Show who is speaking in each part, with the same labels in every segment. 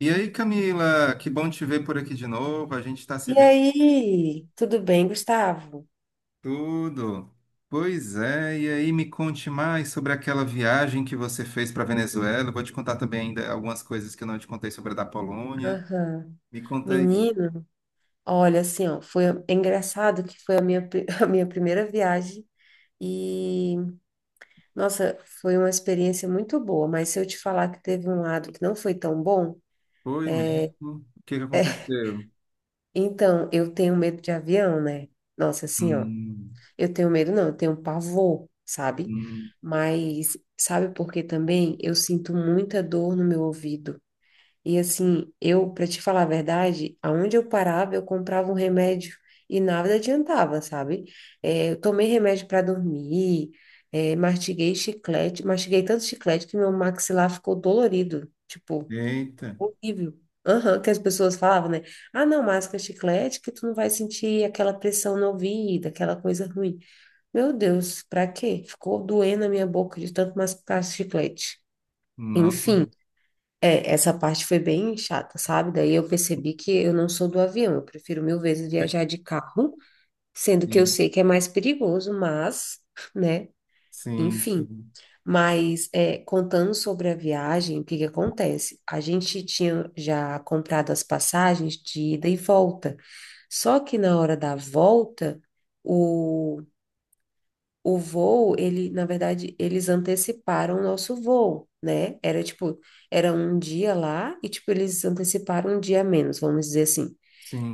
Speaker 1: E aí, Camila, que bom te ver por aqui de novo. A gente está se
Speaker 2: E
Speaker 1: vendo
Speaker 2: aí, tudo bem, Gustavo?
Speaker 1: tudo. Pois é, e aí me conte mais sobre aquela viagem que você fez para Venezuela. Eu vou te contar também ainda algumas coisas que eu não te contei sobre a da Polônia.
Speaker 2: Aham.
Speaker 1: Me conta aí.
Speaker 2: Menino, olha assim, ó, foi é engraçado que foi a minha, a minha primeira viagem e, nossa, foi uma experiência muito boa, mas se eu te falar que teve um lado que não foi tão bom,
Speaker 1: Foi mesmo? O que que aconteceu?
Speaker 2: então eu tenho medo de avião, né? Nossa, assim, ó,
Speaker 1: Hum,
Speaker 2: eu tenho medo não, eu tenho pavor, sabe?
Speaker 1: hum,
Speaker 2: Mas sabe por que também? Eu sinto muita dor no meu ouvido. E assim, eu, para te falar a verdade, aonde eu parava, eu comprava um remédio e nada adiantava, sabe? É, eu tomei remédio para dormir, é, mastiguei chiclete, mastiguei tanto chiclete que meu maxilar ficou dolorido, tipo,
Speaker 1: eita,
Speaker 2: horrível. Aham, que as pessoas falavam, né? Ah, não, masca chiclete que tu não vai sentir aquela pressão no ouvido, aquela coisa ruim. Meu Deus, pra quê? Ficou doendo a minha boca de tanto mascar chiclete.
Speaker 1: não.
Speaker 2: Enfim. É, essa parte foi bem chata, sabe? Daí eu percebi que eu não sou do avião, eu prefiro mil vezes viajar de carro, sendo que eu
Speaker 1: Sim,
Speaker 2: sei que é mais perigoso, mas, né,
Speaker 1: sim,
Speaker 2: enfim.
Speaker 1: sim,
Speaker 2: Mas é, contando sobre a viagem, o que que acontece? A gente tinha já comprado as passagens de ida e volta, só que na hora da volta, o o voo, ele, na verdade, eles anteciparam o nosso voo, né? Era tipo, era um dia lá e tipo eles anteciparam um dia a menos, vamos dizer assim.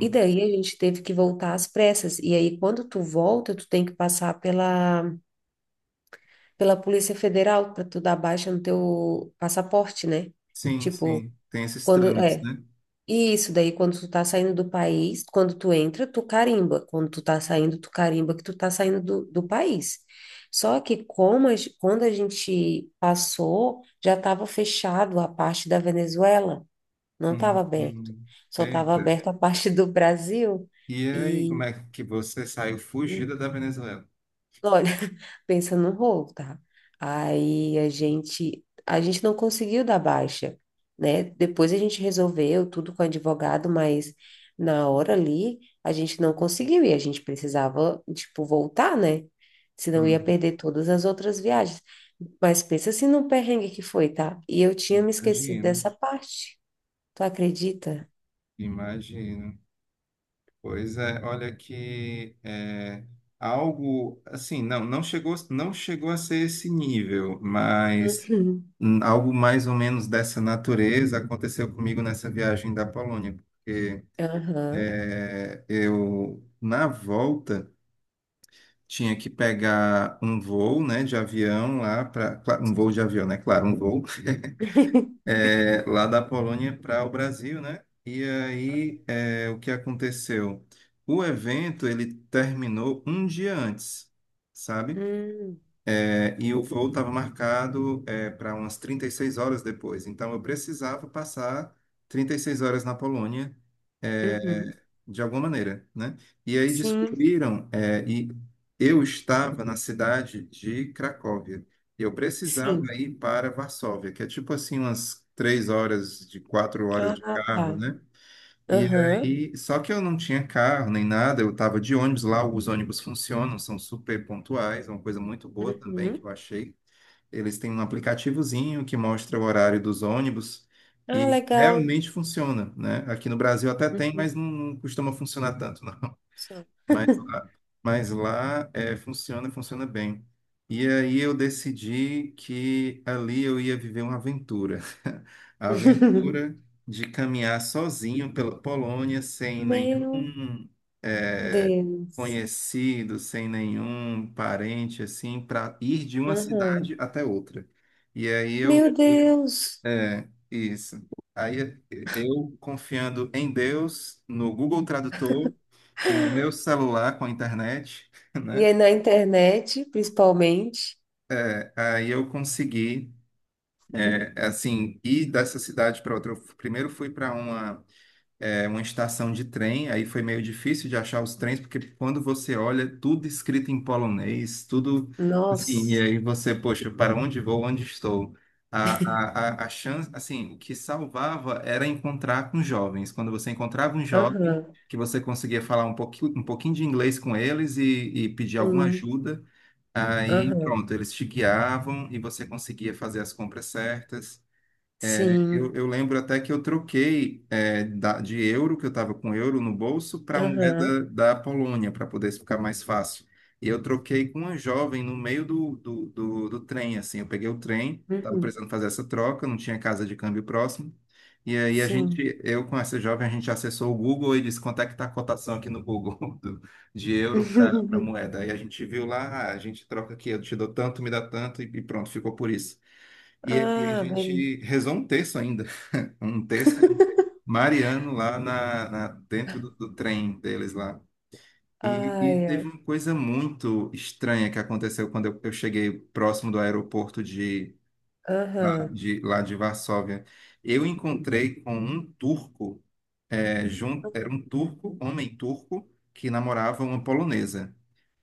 Speaker 2: E daí a gente teve que voltar às pressas. E aí quando tu volta, tu tem que passar pela Polícia Federal para tu dar baixa no teu passaporte, né?
Speaker 1: sim,
Speaker 2: Tipo,
Speaker 1: sim. Tem esses
Speaker 2: quando
Speaker 1: trâmites,
Speaker 2: é,
Speaker 1: né?
Speaker 2: e isso daí, quando tu tá saindo do país, quando tu entra, tu carimba. Quando tu tá saindo, tu carimba que tu tá saindo do país. Só que como quando a gente passou, já estava fechado a parte da Venezuela, não estava
Speaker 1: Hum,
Speaker 2: aberto.
Speaker 1: hum.
Speaker 2: Só estava
Speaker 1: Eita.
Speaker 2: aberto a parte do Brasil.
Speaker 1: E aí, como é que você saiu fugida da Venezuela?
Speaker 2: Olha, pensa no rolo, tá? Aí a gente não conseguiu dar baixa, né? Depois a gente resolveu tudo com o advogado, mas na hora ali a gente não conseguiu e a gente precisava, tipo, voltar, né? Senão ia
Speaker 1: Hum,
Speaker 2: perder todas as outras viagens. Mas pensa assim no perrengue que foi, tá? E eu tinha me esquecido
Speaker 1: imagino,
Speaker 2: dessa parte. Tu acredita?
Speaker 1: imagino. Pois é, olha que é, algo assim, não, não chegou a ser esse nível, mas
Speaker 2: Uhum.
Speaker 1: algo mais ou menos dessa natureza aconteceu comigo nessa viagem da Polônia, porque
Speaker 2: Aham.
Speaker 1: eu na volta tinha que pegar um voo, né, de avião lá para um voo
Speaker 2: Sim.
Speaker 1: de avião, né? Claro, um voo. Lá da Polônia para o Brasil, né? E aí, o que aconteceu? O evento ele terminou um dia antes, sabe?
Speaker 2: Uhum.
Speaker 1: E o voo estava marcado para umas 36 horas depois. Então, eu precisava passar 36 horas na Polônia, é,
Speaker 2: Uhum.
Speaker 1: de alguma maneira, né? E aí
Speaker 2: Sim,
Speaker 1: descobriram, eu estava na cidade de Cracóvia. Eu precisava
Speaker 2: sim.
Speaker 1: ir para Varsóvia, que é tipo assim umas 3 horas de 4 horas
Speaker 2: Ah,
Speaker 1: de carro,
Speaker 2: tá.
Speaker 1: né? E
Speaker 2: Aham.
Speaker 1: aí, só que eu não tinha carro nem nada, eu estava de ônibus lá, os ônibus funcionam, são super pontuais, é uma coisa muito boa também que eu
Speaker 2: Uhum.
Speaker 1: achei. Eles têm um aplicativozinho que mostra o horário dos ônibus
Speaker 2: Ah,
Speaker 1: e
Speaker 2: legal.
Speaker 1: realmente funciona, né? Aqui no Brasil até tem,
Speaker 2: Uhum.
Speaker 1: mas não, não costuma funcionar tanto, não.
Speaker 2: Só.
Speaker 1: Mas lá, mas lá funciona, funciona bem. E aí eu decidi que ali eu ia viver uma aventura. A aventura de caminhar sozinho pela Polônia, sem
Speaker 2: Meu
Speaker 1: nenhum é,
Speaker 2: Deus.
Speaker 1: conhecido, sem nenhum parente, assim, para ir de uma cidade
Speaker 2: Aham.
Speaker 1: até outra. E aí eu
Speaker 2: Meu Deus.
Speaker 1: isso. Aí eu confiando em Deus, no Google Tradutor e no meu celular com a internet, né?
Speaker 2: E aí na internet, principalmente.
Speaker 1: Aí eu consegui, assim, ir dessa cidade para outra. Primeiro fui para uma, uma estação de trem, aí foi meio difícil de achar os trens, porque quando você olha, tudo escrito em polonês, tudo assim, e
Speaker 2: Nossa.
Speaker 1: aí você, poxa, para onde vou, onde estou? A chance, assim, o que salvava era encontrar com jovens. Quando você encontrava um jovem,
Speaker 2: Aham.
Speaker 1: que você conseguia falar um pouquinho de inglês com eles e pedir alguma
Speaker 2: Sim.
Speaker 1: ajuda. Aí,
Speaker 2: Aham.
Speaker 1: pronto, eles te guiavam e você conseguia fazer as compras certas. Eu,
Speaker 2: Sim.
Speaker 1: eu lembro até que eu troquei de euro, que eu estava com euro no bolso, para
Speaker 2: Aham.
Speaker 1: moeda da Polônia, para poder ficar mais fácil. E eu troquei com uma jovem no meio do trem, assim. Eu peguei o trem, estava
Speaker 2: Uhum.
Speaker 1: precisando fazer essa troca, não tinha casa de câmbio próximo. E aí a
Speaker 2: Sim.
Speaker 1: gente, eu com essa jovem, a gente acessou o Google e disse quanto é que está a cotação aqui no Google do- de euro para moeda. Aí a gente viu lá, "Ah, a gente troca aqui, eu te dou tanto, me dá tanto, e pronto, ficou por isso." E a
Speaker 2: Ah, beleza.
Speaker 1: gente rezou um terço ainda um texto mariano lá dentro do trem deles lá.
Speaker 2: Ai,
Speaker 1: E teve
Speaker 2: ai.
Speaker 1: uma coisa muito estranha que aconteceu quando eu cheguei próximo do aeroporto de
Speaker 2: Aham.
Speaker 1: lá de Varsóvia. Eu encontrei com um turco, era um turco, homem turco, que namorava uma polonesa.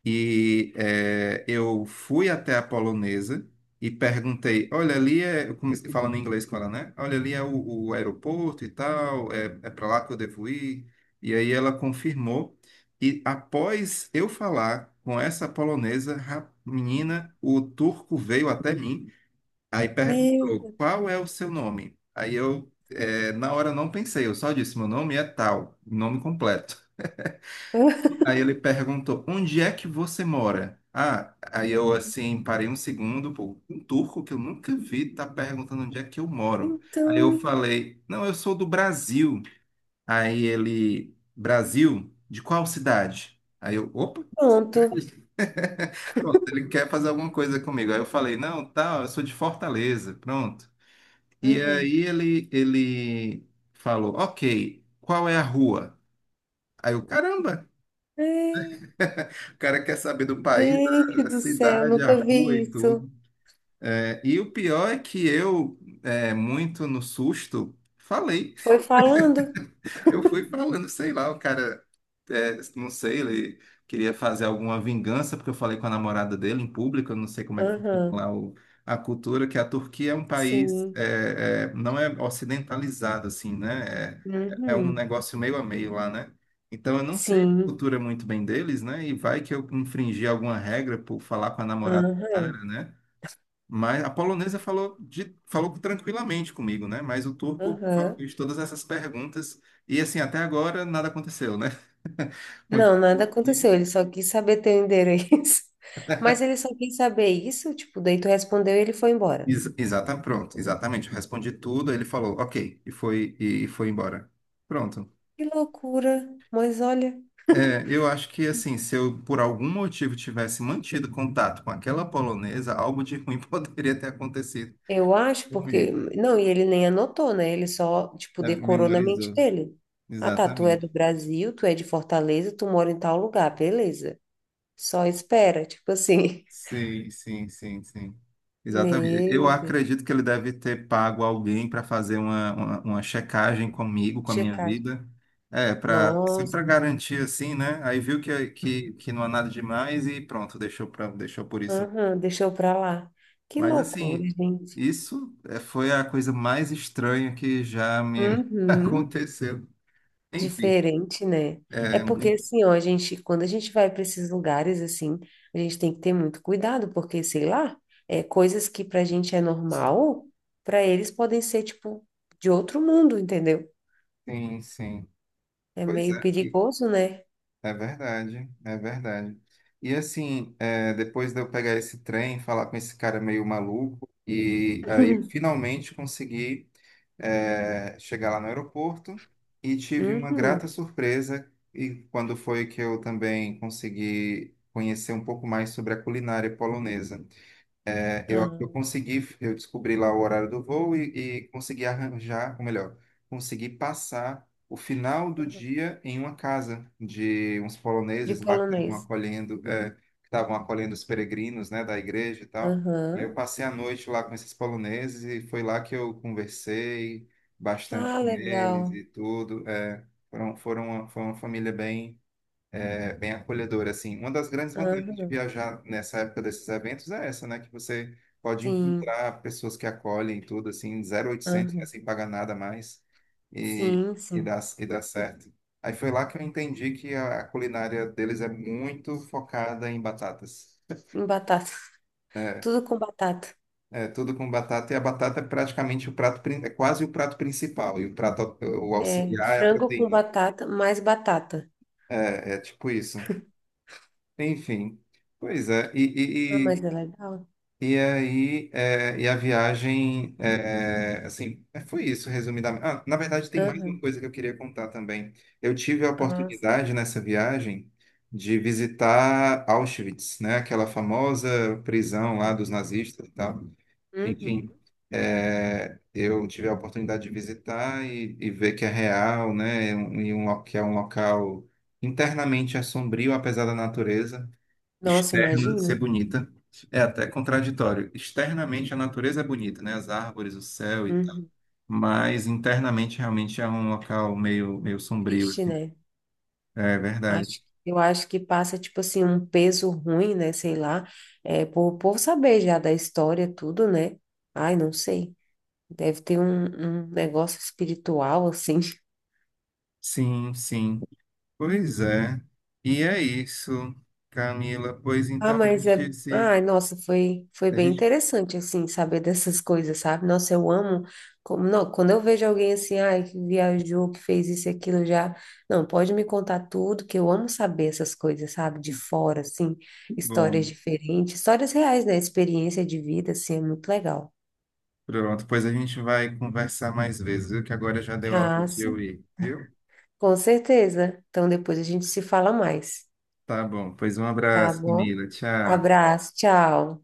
Speaker 1: E eu fui até a polonesa e perguntei: olha, ali é. Eu comecei falando em inglês com ela, né? Olha, ali é o aeroporto e tal, é para lá que eu devo ir. E aí ela confirmou. E após eu falar com essa polonesa,
Speaker 2: Uhum.
Speaker 1: menina, o turco veio até mim, aí perguntou:
Speaker 2: Meu
Speaker 1: qual é o seu nome? Aí eu, na hora, não pensei, eu só disse: meu nome é tal, nome completo.
Speaker 2: Deus.
Speaker 1: Aí ele perguntou: onde é que você mora? Ah, aí eu assim parei um segundo, pô, um turco que eu nunca vi tá perguntando onde é que eu moro. Aí eu
Speaker 2: Então,
Speaker 1: falei: não, eu sou do Brasil. Aí ele: Brasil? De qual cidade? Aí eu: opa,
Speaker 2: pronto.
Speaker 1: pronto, ele quer fazer alguma coisa comigo. Aí eu falei: não, tá, eu sou de Fortaleza, pronto. E
Speaker 2: Aham.
Speaker 1: aí ele falou: ok, qual é a rua? Aí eu: caramba.
Speaker 2: É,
Speaker 1: O cara quer saber do país,
Speaker 2: gente
Speaker 1: a
Speaker 2: do céu,
Speaker 1: cidade, a
Speaker 2: nunca
Speaker 1: rua
Speaker 2: vi
Speaker 1: e
Speaker 2: isso.
Speaker 1: tudo. É, e o pior é que eu, muito no susto, falei.
Speaker 2: Foi falando?
Speaker 1: Eu fui falando, sei lá, o cara, não sei, ele queria fazer alguma vingança, porque eu falei com a namorada dele em público, eu não sei como é que funciona
Speaker 2: Aham.
Speaker 1: a cultura, que a Turquia é um país,
Speaker 2: Sim.
Speaker 1: não é ocidentalizado, assim, né? É um
Speaker 2: Uhum.
Speaker 1: negócio meio a meio lá, né? Então eu não sei a
Speaker 2: Sim.
Speaker 1: cultura muito bem deles, né? E vai que eu infringi alguma regra por falar com a namorada do cara,
Speaker 2: Aham.
Speaker 1: né? Mas a polonesa falou, falou tranquilamente comigo, né? Mas o turco
Speaker 2: Aham.
Speaker 1: fez todas essas perguntas e, assim, até agora nada aconteceu, né?
Speaker 2: Não, nada
Speaker 1: Continu-
Speaker 2: aconteceu. Ele só quis saber teu endereço. Mas ele só quis saber isso, tipo, daí tu respondeu e ele foi embora.
Speaker 1: Ex exata, pronto, exatamente. Eu respondi tudo, ele falou, ok, e foi embora. Pronto.
Speaker 2: Que loucura. Mas olha.
Speaker 1: É, eu acho que, assim, se eu por algum motivo tivesse mantido contato com aquela polonesa, algo de ruim poderia ter acontecido
Speaker 2: Eu acho porque.
Speaker 1: comigo.
Speaker 2: Não, e ele nem anotou, né? Ele só, tipo,
Speaker 1: É,
Speaker 2: decorou na mente
Speaker 1: memorizou,
Speaker 2: dele. Ah, tá, tu é
Speaker 1: exatamente.
Speaker 2: do Brasil, tu é de Fortaleza, tu mora em tal lugar, beleza. Só espera, tipo assim.
Speaker 1: Sim, sim, sim, sim. Exatamente. Eu
Speaker 2: Meu Deus,
Speaker 1: acredito que ele deve ter pago alguém para fazer uma, uma checagem comigo, com a
Speaker 2: tinha
Speaker 1: minha
Speaker 2: cara.
Speaker 1: vida. É, para sempre
Speaker 2: Nossa,
Speaker 1: para garantir assim, né? Aí viu que não há nada demais e pronto, deixou por isso.
Speaker 2: aham, deixou pra lá. Que
Speaker 1: Mas
Speaker 2: loucura,
Speaker 1: assim,
Speaker 2: gente.
Speaker 1: isso é, foi a coisa mais estranha que já me
Speaker 2: Uhum.
Speaker 1: aconteceu. Enfim,
Speaker 2: Diferente, né? É
Speaker 1: é,
Speaker 2: porque assim, ó, a gente, quando a gente vai para esses lugares assim, a gente tem que ter muito cuidado, porque sei lá, é coisas que pra gente é normal, pra eles podem ser tipo de outro mundo, entendeu?
Speaker 1: sim, sim.
Speaker 2: É
Speaker 1: Pois
Speaker 2: meio
Speaker 1: é.
Speaker 2: perigoso, né?
Speaker 1: É verdade, é verdade. E assim, depois de eu pegar esse trem, falar com esse cara meio maluco, e aí eu finalmente consegui, chegar lá no aeroporto e tive uma grata
Speaker 2: Uhum.
Speaker 1: surpresa. E quando foi que eu também consegui conhecer um pouco mais sobre a culinária polonesa. Eu
Speaker 2: Ah,
Speaker 1: consegui, eu descobri lá o horário do voo e consegui arranjar, ou melhor, consegui passar o final do
Speaker 2: aham.
Speaker 1: dia em uma casa de uns
Speaker 2: De
Speaker 1: poloneses lá que estavam
Speaker 2: polonês.
Speaker 1: acolhendo, que estavam acolhendo os peregrinos, né, da igreja e tal. E aí
Speaker 2: Aham.
Speaker 1: eu passei a noite lá com esses poloneses e foi lá que eu conversei bastante
Speaker 2: Ah,
Speaker 1: com eles
Speaker 2: legal.
Speaker 1: e tudo. É, foi uma família bem bem acolhedor, assim. Uma das grandes vantagens de
Speaker 2: Aham.
Speaker 1: viajar nessa época desses eventos é essa, né? Que você pode
Speaker 2: Sim.
Speaker 1: encontrar pessoas que acolhem e tudo, assim, 0800, né?
Speaker 2: Aham.
Speaker 1: Sem pagar nada mais e,
Speaker 2: Sim, sim.
Speaker 1: e dá certo. Aí foi lá que eu entendi que a culinária deles é muito focada em batatas.
Speaker 2: Em batata.
Speaker 1: É
Speaker 2: Tudo com batata.
Speaker 1: é tudo com batata, e a batata é praticamente o prato, é quase o prato principal, e o prato, o
Speaker 2: É
Speaker 1: auxiliar é a
Speaker 2: frango com
Speaker 1: proteína.
Speaker 2: batata, mais batata.
Speaker 1: É, é tipo isso. Enfim, pois é,
Speaker 2: Ah,
Speaker 1: e,
Speaker 2: mas é legal.
Speaker 1: E aí, e a viagem, foi isso, resumidamente. Ah, na verdade, tem mais uma
Speaker 2: Aham.
Speaker 1: coisa que eu queria contar também. Eu tive a
Speaker 2: Ah,
Speaker 1: oportunidade nessa viagem de visitar Auschwitz, né? Aquela famosa prisão lá dos
Speaker 2: uhum.
Speaker 1: nazistas e tal. Enfim,
Speaker 2: Uhum.
Speaker 1: eu tive a oportunidade de visitar e ver que é real, né? E um, que é um local internamente assombrio, apesar da natureza
Speaker 2: Nossa,
Speaker 1: externa ser
Speaker 2: imagina.
Speaker 1: bonita. É até contraditório. Externamente a natureza é bonita, né? As árvores, o céu e tal.
Speaker 2: Uhum.
Speaker 1: Mas internamente realmente é um local meio, meio sombrio
Speaker 2: Triste,
Speaker 1: assim.
Speaker 2: né?
Speaker 1: É verdade.
Speaker 2: Acho, eu acho que passa, tipo assim, um peso ruim, né? Sei lá. É, por saber já da história, tudo, né? Ai, não sei. Deve ter um negócio espiritual, assim.
Speaker 1: Sim, sim. Pois é. E é isso, Camila. Pois
Speaker 2: Ah,
Speaker 1: então a
Speaker 2: mas é.
Speaker 1: gente se.
Speaker 2: Ai, nossa, foi
Speaker 1: A
Speaker 2: bem
Speaker 1: gente.
Speaker 2: interessante, assim, saber dessas coisas, sabe? Nossa, eu amo. Como, não, quando eu vejo alguém assim, ai, que viajou, que fez isso e aquilo já. Não, pode me contar tudo, que eu amo saber essas coisas, sabe? De fora, assim,
Speaker 1: Que
Speaker 2: histórias
Speaker 1: bom,
Speaker 2: diferentes, histórias reais, né? Experiência de vida, assim, é muito legal.
Speaker 1: pronto. Pois a gente vai conversar mais vezes, viu? Que agora já deu a hora
Speaker 2: Ah,
Speaker 1: de eu
Speaker 2: sim,
Speaker 1: ir, viu?
Speaker 2: com certeza. Então depois a gente se fala mais,
Speaker 1: Tá bom. Pois um
Speaker 2: tá
Speaker 1: abraço,
Speaker 2: bom?
Speaker 1: Camila. Tchau.
Speaker 2: Abraço, tchau.